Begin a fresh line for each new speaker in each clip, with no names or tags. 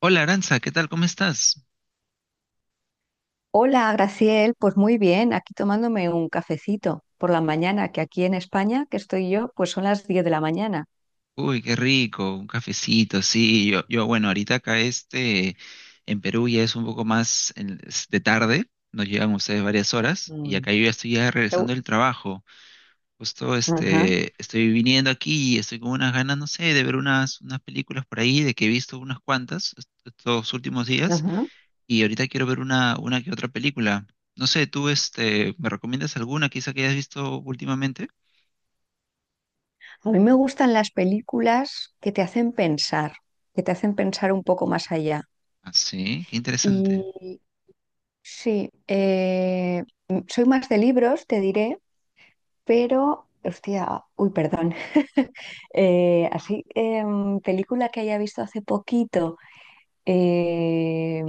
Hola, Aranza, ¿qué tal? ¿Cómo estás?
Hola, Graciel. Pues muy bien, aquí tomándome un cafecito por la mañana, que aquí en España, que estoy yo, pues son las 10 de la mañana.
Uy, qué rico, un cafecito, sí. Yo, bueno, ahorita acá este, en Perú ya es un poco más es de tarde, nos llegan ustedes varias horas y
Mm.
acá yo ya estoy ya
Me
regresando
gu-
del trabajo. Justo
Ajá,
este, estoy viniendo aquí y estoy con unas ganas, no sé, de ver unas películas por ahí, de que he visto unas cuantas estos últimos días
ajá.
y ahorita quiero ver una que otra película. No sé, tú este, ¿me recomiendas alguna quizá que hayas visto últimamente?
A mí me gustan las películas que te hacen pensar, que te hacen pensar un poco más allá.
Ah, sí, qué interesante.
Y sí, soy más de libros, te diré, pero, hostia, uy, perdón. Película que haya visto hace poquito. Eh,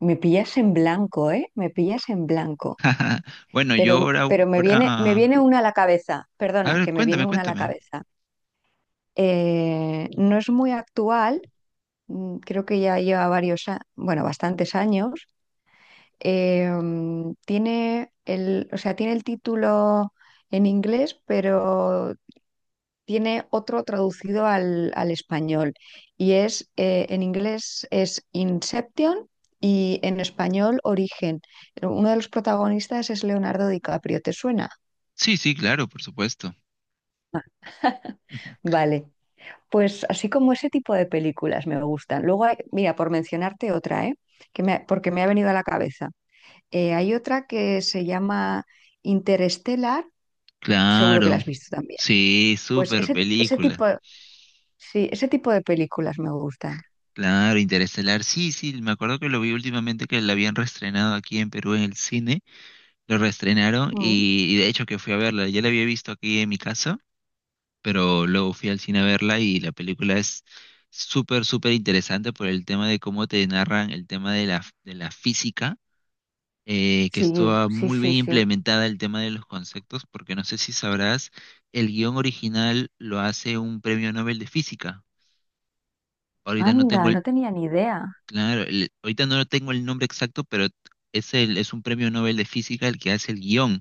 me pillas en blanco, ¿eh? Me pillas en blanco.
Bueno, yo
Pero,
ahora,
pero me
ahora...
viene una a la cabeza.
A
Perdona,
ver,
que me viene
cuéntame,
una a la
cuéntame.
cabeza. No es muy actual, creo que ya lleva varios, bueno, bastantes años. Tiene el, o sea, tiene el título en inglés, pero tiene otro traducido al español y es, en inglés es Inception y en español Origen. Uno de los protagonistas es Leonardo DiCaprio, ¿te suena?
Sí, sí, claro, por supuesto.
Vale, pues así como ese tipo de películas me gustan. Luego mira, por mencionarte otra, ¿eh? Porque me ha venido a la cabeza. Hay otra que se llama Interstellar, seguro que la
Claro.
has visto también.
Sí,
Pues
súper
ese
película.
tipo, sí, ese tipo de películas me gustan.
Claro, Interestelar. Sí, sí, me acuerdo que lo vi últimamente que la habían reestrenado aquí en Perú en el cine. Lo reestrenaron
Mm.
y, de hecho que fui a verla. Ya la había visto aquí en mi casa, pero luego fui al cine a verla y la película es súper, súper interesante por el tema de cómo te narran el tema de de la física, que
Sí,
estuvo
sí,
muy bien
sí, sí.
implementada el tema de los conceptos, porque no sé si sabrás, el guión original lo hace un premio Nobel de física. Ahorita no tengo
Anda,
el,
no tenía ni idea.
claro, ahorita no tengo el nombre exacto, pero es el, es un premio Nobel de física el que hace el guión.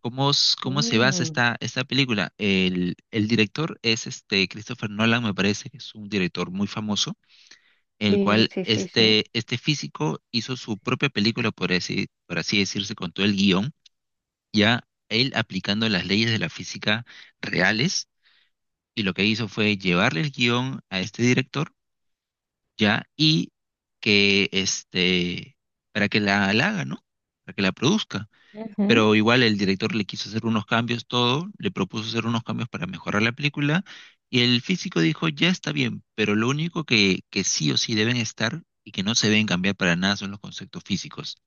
¿Cómo, cómo se basa
Mm,
esta película? El director es este Christopher Nolan, me parece que es un director muy famoso, el
sí,
cual
sí, sí, sí.
este, este físico hizo su propia película, por así decirse, con todo el guión ya él aplicando las leyes de la física reales, y lo que hizo fue llevarle el guión a este director, ya, y que este, para que la haga, ¿no? Para que la produzca.
Ujú,
Pero igual el director le quiso hacer unos cambios, todo, le propuso hacer unos cambios para mejorar la película, y el físico dijo, ya está bien, pero lo único que sí o sí deben estar y que no se deben cambiar para nada son los conceptos físicos.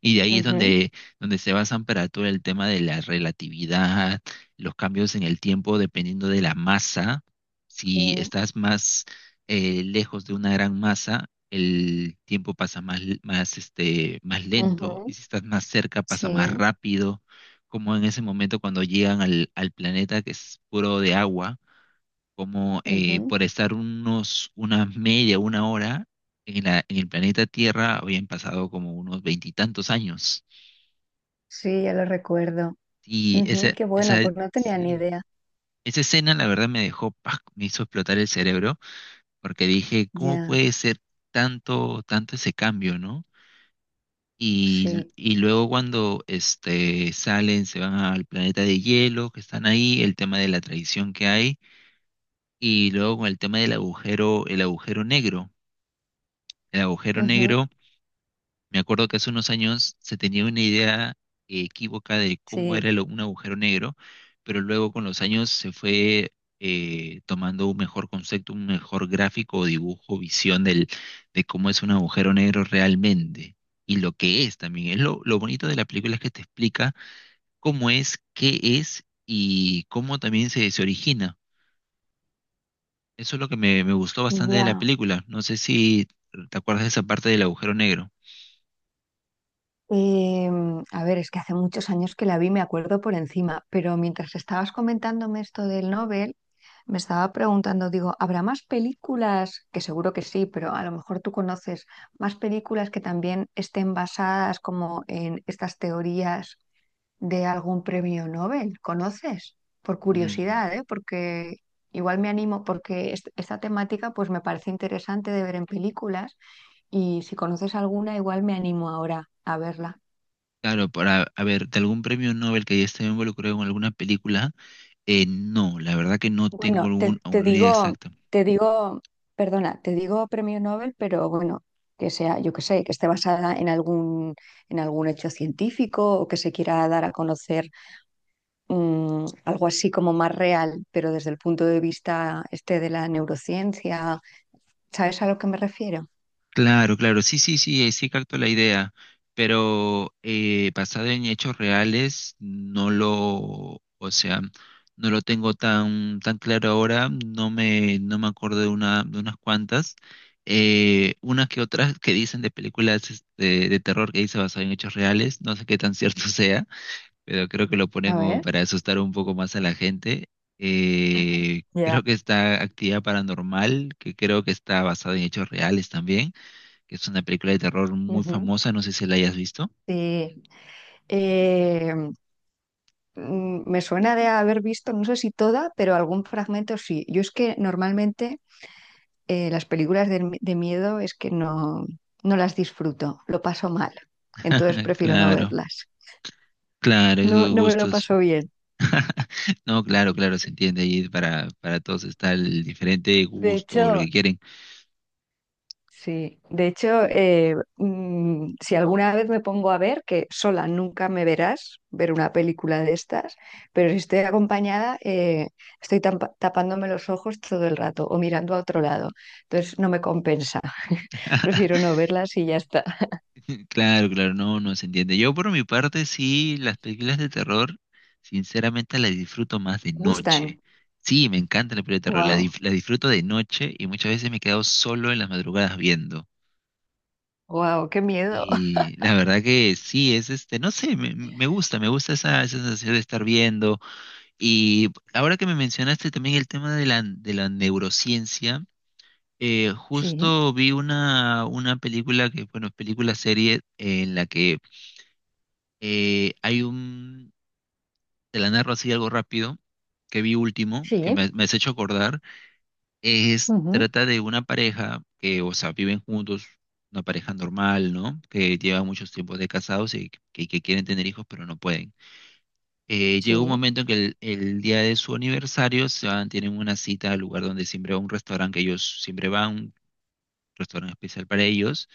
Y de ahí es
ujú,
donde, donde se basan para todo el tema de la relatividad, los cambios en el tiempo dependiendo de la masa. Si
sí,
estás más lejos de una gran masa, el tiempo pasa más, más, este, más lento, y
ujú,
si estás más cerca, pasa más
sí,
rápido, como en ese momento cuando llegan al planeta que es puro de agua, como
ujú.
por estar unos, una media, una hora en en el planeta Tierra habían pasado como unos veintitantos años.
Sí, ya lo recuerdo.
Y
Ujú, qué bueno,
esa,
pues no tenía ni
sí,
idea.
esa escena la verdad me dejó, ¡pac!, me hizo explotar el cerebro, porque dije, ¿cómo
Ya,
puede ser tanto ese cambio, ¿no?
sí,
Y luego cuando este, salen, se van al planeta de hielo, que están ahí, el tema de la traición que hay, y luego con el tema del agujero, el agujero negro. El agujero
ujú,
negro, me acuerdo que hace unos años se tenía una idea equívoca de cómo
sí,
era un agujero negro, pero luego con los años se fue tomando un mejor concepto, un mejor gráfico o dibujo, visión de cómo es un agujero negro realmente y lo que es también. Es lo bonito de la película es que te explica cómo es, qué es y cómo también se origina. Eso es lo que me gustó bastante de la
ya.
película. No sé si te acuerdas de esa parte del agujero negro.
A ver, es que hace muchos años que la vi, me acuerdo por encima, pero mientras estabas comentándome esto del Nobel, me estaba preguntando, digo, ¿habrá más películas? Que seguro que sí, pero a lo mejor tú conoces más películas que también estén basadas como en estas teorías de algún premio Nobel. ¿Conoces? Por
Mm.
curiosidad, ¿eh? Porque igual me animo, porque esta temática pues me parece interesante de ver en películas y si conoces alguna, igual me animo ahora a verla.
Claro, para, a ver, de algún premio Nobel que haya estado involucrado en alguna película, no, la verdad que no tengo
Bueno,
algún,
te
alguna idea
digo,
exacta.
te digo, perdona, te digo premio Nobel, pero bueno, que sea, yo que sé, que esté basada en algún, hecho científico o que se quiera dar a conocer algo así como más real, pero desde el punto de vista este de la neurociencia, ¿sabes a lo que me refiero?
Claro, claro, sí, sí, sí, sí capto la idea, pero basado en hechos reales, no lo, o sea, no lo tengo tan, tan claro ahora, no me, no me acuerdo de una, de unas cuantas, unas que otras que dicen de películas este, de terror que dice basado en hechos reales, no sé qué tan cierto sea, pero creo que lo ponen
A
como
ver.
para asustar un poco más a la gente. Creo
Ya.
que está Actividad Paranormal, que creo que está basada en hechos reales también, que es una película de terror muy
Ujú.
famosa, no sé si la hayas visto.
Sí. Eh, me suena de haber visto, no sé si toda, pero algún fragmento sí. Yo es que normalmente las películas de, de miedo es que no, no las disfruto, lo paso mal. Entonces prefiero no
Claro,
verlas.
claro,
No,
esos
no me lo
gustos.
paso bien.
No, claro, claro, se entiende ahí para todos está el diferente
De
gusto o lo
hecho,
que quieren.
Sí, de hecho, si alguna vez me pongo a ver, que sola nunca me verás ver una película de estas, pero si estoy acompañada, estoy tapándome los ojos todo el rato o mirando a otro lado. Entonces no me compensa. Prefiero no verlas y ya está.
Claro, claro, no, no se entiende. Yo por mi parte sí, las películas de terror, sinceramente las disfruto más de
Me gustan.
noche. Sí, me encanta la película de terror, la,
Wow,
la disfruto de noche y muchas veces me he quedado solo en las madrugadas viendo.
wow, qué miedo.
Y la verdad que sí, es este, no sé, me, me gusta esa, esa sensación de estar viendo. Y ahora que me mencionaste también el tema de de la neurociencia,
Sí,
justo vi una película que, bueno, película serie en la que hay un, te la narro así algo rápido, que vi último, que me,
sí,
me has hecho acordar, es,
ujú,
trata de una pareja que, o sea, viven juntos, una pareja normal, ¿no? Que lleva muchos tiempos de casados y que quieren tener hijos, pero no pueden. Llega un
sí.
momento en que el día de su aniversario se van, tienen una cita al lugar donde siempre va un restaurante que ellos siempre van, un restaurante especial para ellos.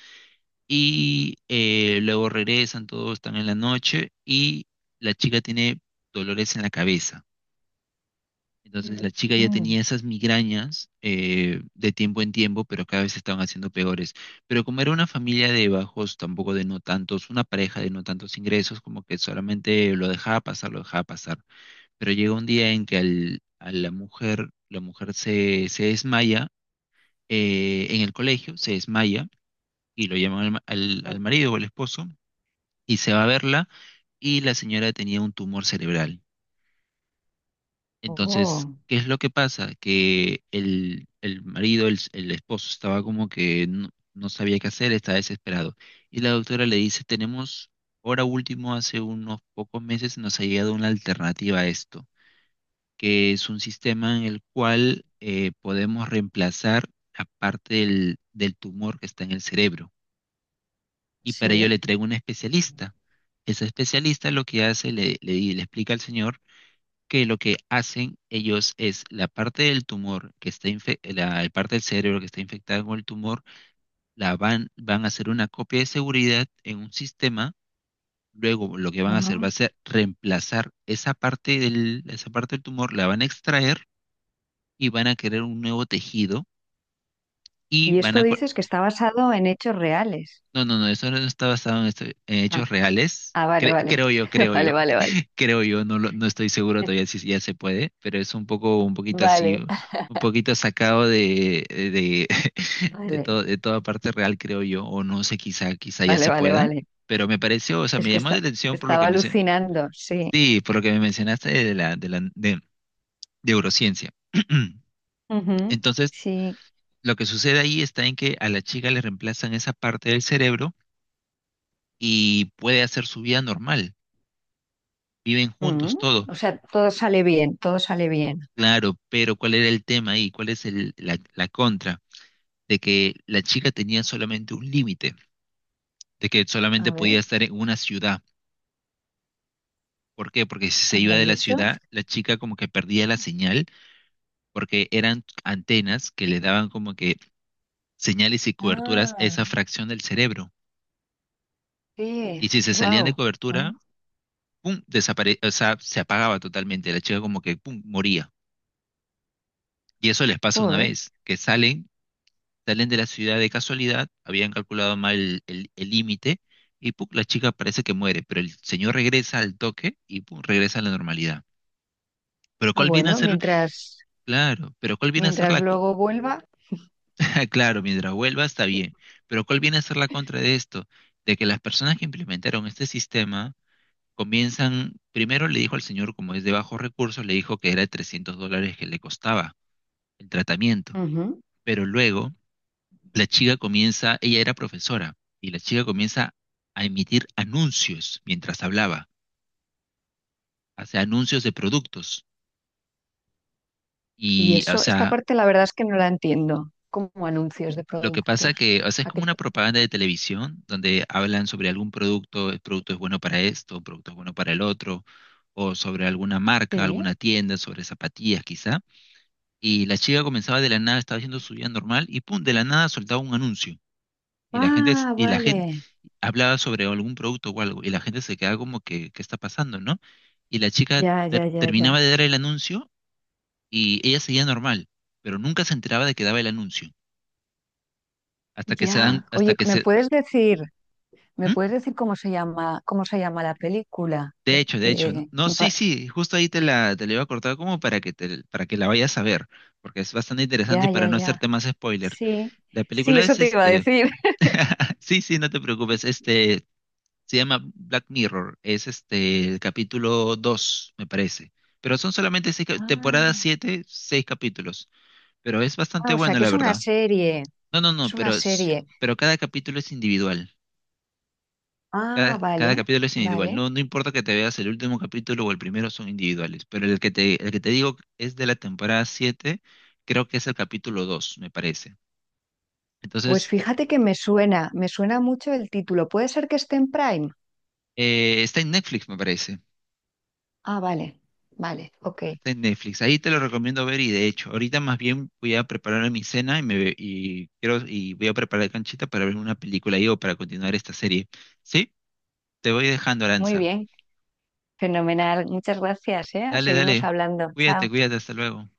Y luego regresan, todos están en la noche y la chica tiene dolores en la cabeza. Entonces la chica ya
Mm,
tenía esas migrañas, de tiempo en tiempo, pero cada vez se estaban haciendo peores. Pero como era una familia de bajos, tampoco de no tantos, una pareja de no tantos ingresos, como que solamente lo dejaba pasar, lo dejaba pasar. Pero llega un día en que a la mujer se desmaya en el colegio, se desmaya, y lo llaman al al
mm.
marido o al esposo, y se va a verla, y la señora tenía un tumor cerebral. Entonces,
Oh,
¿qué es lo que pasa? Que el marido, el esposo, estaba como que no, no sabía qué hacer, estaba desesperado. Y la doctora le dice, tenemos, ahora último, hace unos pocos meses nos ha llegado una alternativa a esto, que es un sistema en el cual podemos reemplazar la parte del tumor que está en el cerebro, y para ello
sí.
le traigo un especialista. Ese especialista lo que hace, le explica al señor que lo que hacen ellos es la parte del tumor que está la, la parte del cerebro que está infectada con el tumor, la van, van a hacer una copia de seguridad en un sistema. Luego lo que van a hacer va
Ah.
a ser reemplazar esa parte del tumor, la van a extraer y van a querer un nuevo tejido y
Y
van
esto
a...
dices que está basado en hechos reales.
No, no, no, eso no está basado en, en
Ah,
hechos reales.
ah, vale, vale.
Creo
Vale,
yo,
vale, vale.
creo yo, no, no estoy seguro todavía si ya se puede, pero es un poco, un poquito así,
Vale.
un poquito sacado de, de,
Vale,
todo, de toda parte real, creo yo, o no sé, quizá, quizá ya
vale,
se
vale,
pueda,
vale.
pero me pareció, o sea,
Es
me
que
llamó la
está-
atención por lo que
Estaba alucinando, sí.
sí, por lo que me mencionaste de de neurociencia.
Ujú.
Entonces,
Sí.
lo que sucede ahí está en que a la chica le reemplazan esa parte del cerebro y puede hacer su vida normal. Viven juntos
Mm.
todos,
O sea, todo sale bien, todo sale bien.
claro, pero ¿cuál era el tema ahí? ¿Cuál es el, la contra? De que la chica tenía solamente un límite, de que solamente
A
podía
ver,
estar en una ciudad. ¿Por qué? Porque si se iba
anda,
de
¿y
la
eso?
ciudad, la chica como que perdía la señal, porque eran antenas que le daban como que señales y coberturas a
Ah,
esa fracción del cerebro.
sí,
Y si se salían de
wow.
cobertura, pum, desapare, o sea, se apagaba totalmente. La chica como que pum, moría. Y eso les pasa una
Joder.
vez, que salen de la ciudad de casualidad, habían calculado mal el límite, y pum, la chica parece que muere, pero el señor regresa al toque y pum, regresa a la normalidad. Pero
Ah,
¿cuál viene a
bueno,
ser?
mientras,
Claro, pero ¿cuál viene a ser
mientras
la...
luego vuelva.
claro, mientras vuelva está bien, pero ¿cuál viene a ser la contra de esto? De que las personas que implementaron este sistema comienzan, primero le dijo al señor, como es de bajos recursos, le dijo que era 300 dólares que le costaba el tratamiento,
Ujú.
pero luego la chica comienza, ella era profesora, y la chica comienza a emitir anuncios mientras hablaba, o sea, anuncios de productos.
Y
Y, o
eso, esta
sea,
parte la verdad es que no la entiendo, como anuncios de
lo que pasa
productos.
que, o sea, es
¿A qué
como una
te-
propaganda de televisión donde hablan sobre algún producto, el producto es bueno para esto, el producto es bueno para el otro, o sobre alguna marca,
Sí.
alguna tienda, sobre zapatillas quizá. Y la chica comenzaba de la nada, estaba haciendo su vida normal y pum, de la nada soltaba un anuncio. Y la gente,
Ah,
y la gente
vale.
hablaba sobre algún producto o algo y la gente se quedaba como que, ¿qué está pasando, no? Y la chica
Ya, ya, ya,
terminaba
ya.
de dar el anuncio y ella seguía normal, pero nunca se enteraba de que daba el anuncio. Hasta que se dan,
Ya.
hasta
Oye,
que se...
me
¿Mm?
puedes decir cómo se llama la película?
De hecho, no, sí, sí, justo ahí te te la iba a cortar como para que te, para que la vayas a ver, porque es bastante interesante y
Ya,
para
ya,
no
ya.
hacerte más spoiler.
Sí,
La
sí,
película
eso
es
te iba a
este,
decir.
sí, sí, no te preocupes, este, se llama Black Mirror, es este el capítulo 2 me parece. Pero son solamente seis, temporada
Ah,
7, 6 capítulos. Pero es bastante
ah, o sea,
bueno,
que
la
es una
verdad.
serie,
No, no, no,
es una
pero,
serie.
pero cada capítulo es individual. Cada,
Ah,
cada
vale,
capítulo es individual.
vale.
No, no importa que te veas el último capítulo o el primero, son individuales. Pero el que te digo es de la temporada siete, creo que es el capítulo 2 me parece.
Pues
Entonces,
fíjate que me suena mucho el título. ¿Puede ser que esté en Prime?
está en Netflix, me parece.
Ah, vale, vale, ok.
Está en Netflix. Ahí te lo recomiendo ver y de hecho, ahorita más bien voy a preparar mi cena y quiero y voy a preparar canchita para ver una película ahí o para continuar esta serie. ¿Sí? Te voy dejando,
Muy
Aranza.
bien, fenomenal. Muchas gracias, ¿eh?
Dale,
Seguimos
dale.
hablando.
Cuídate,
Chao.
cuídate, hasta luego.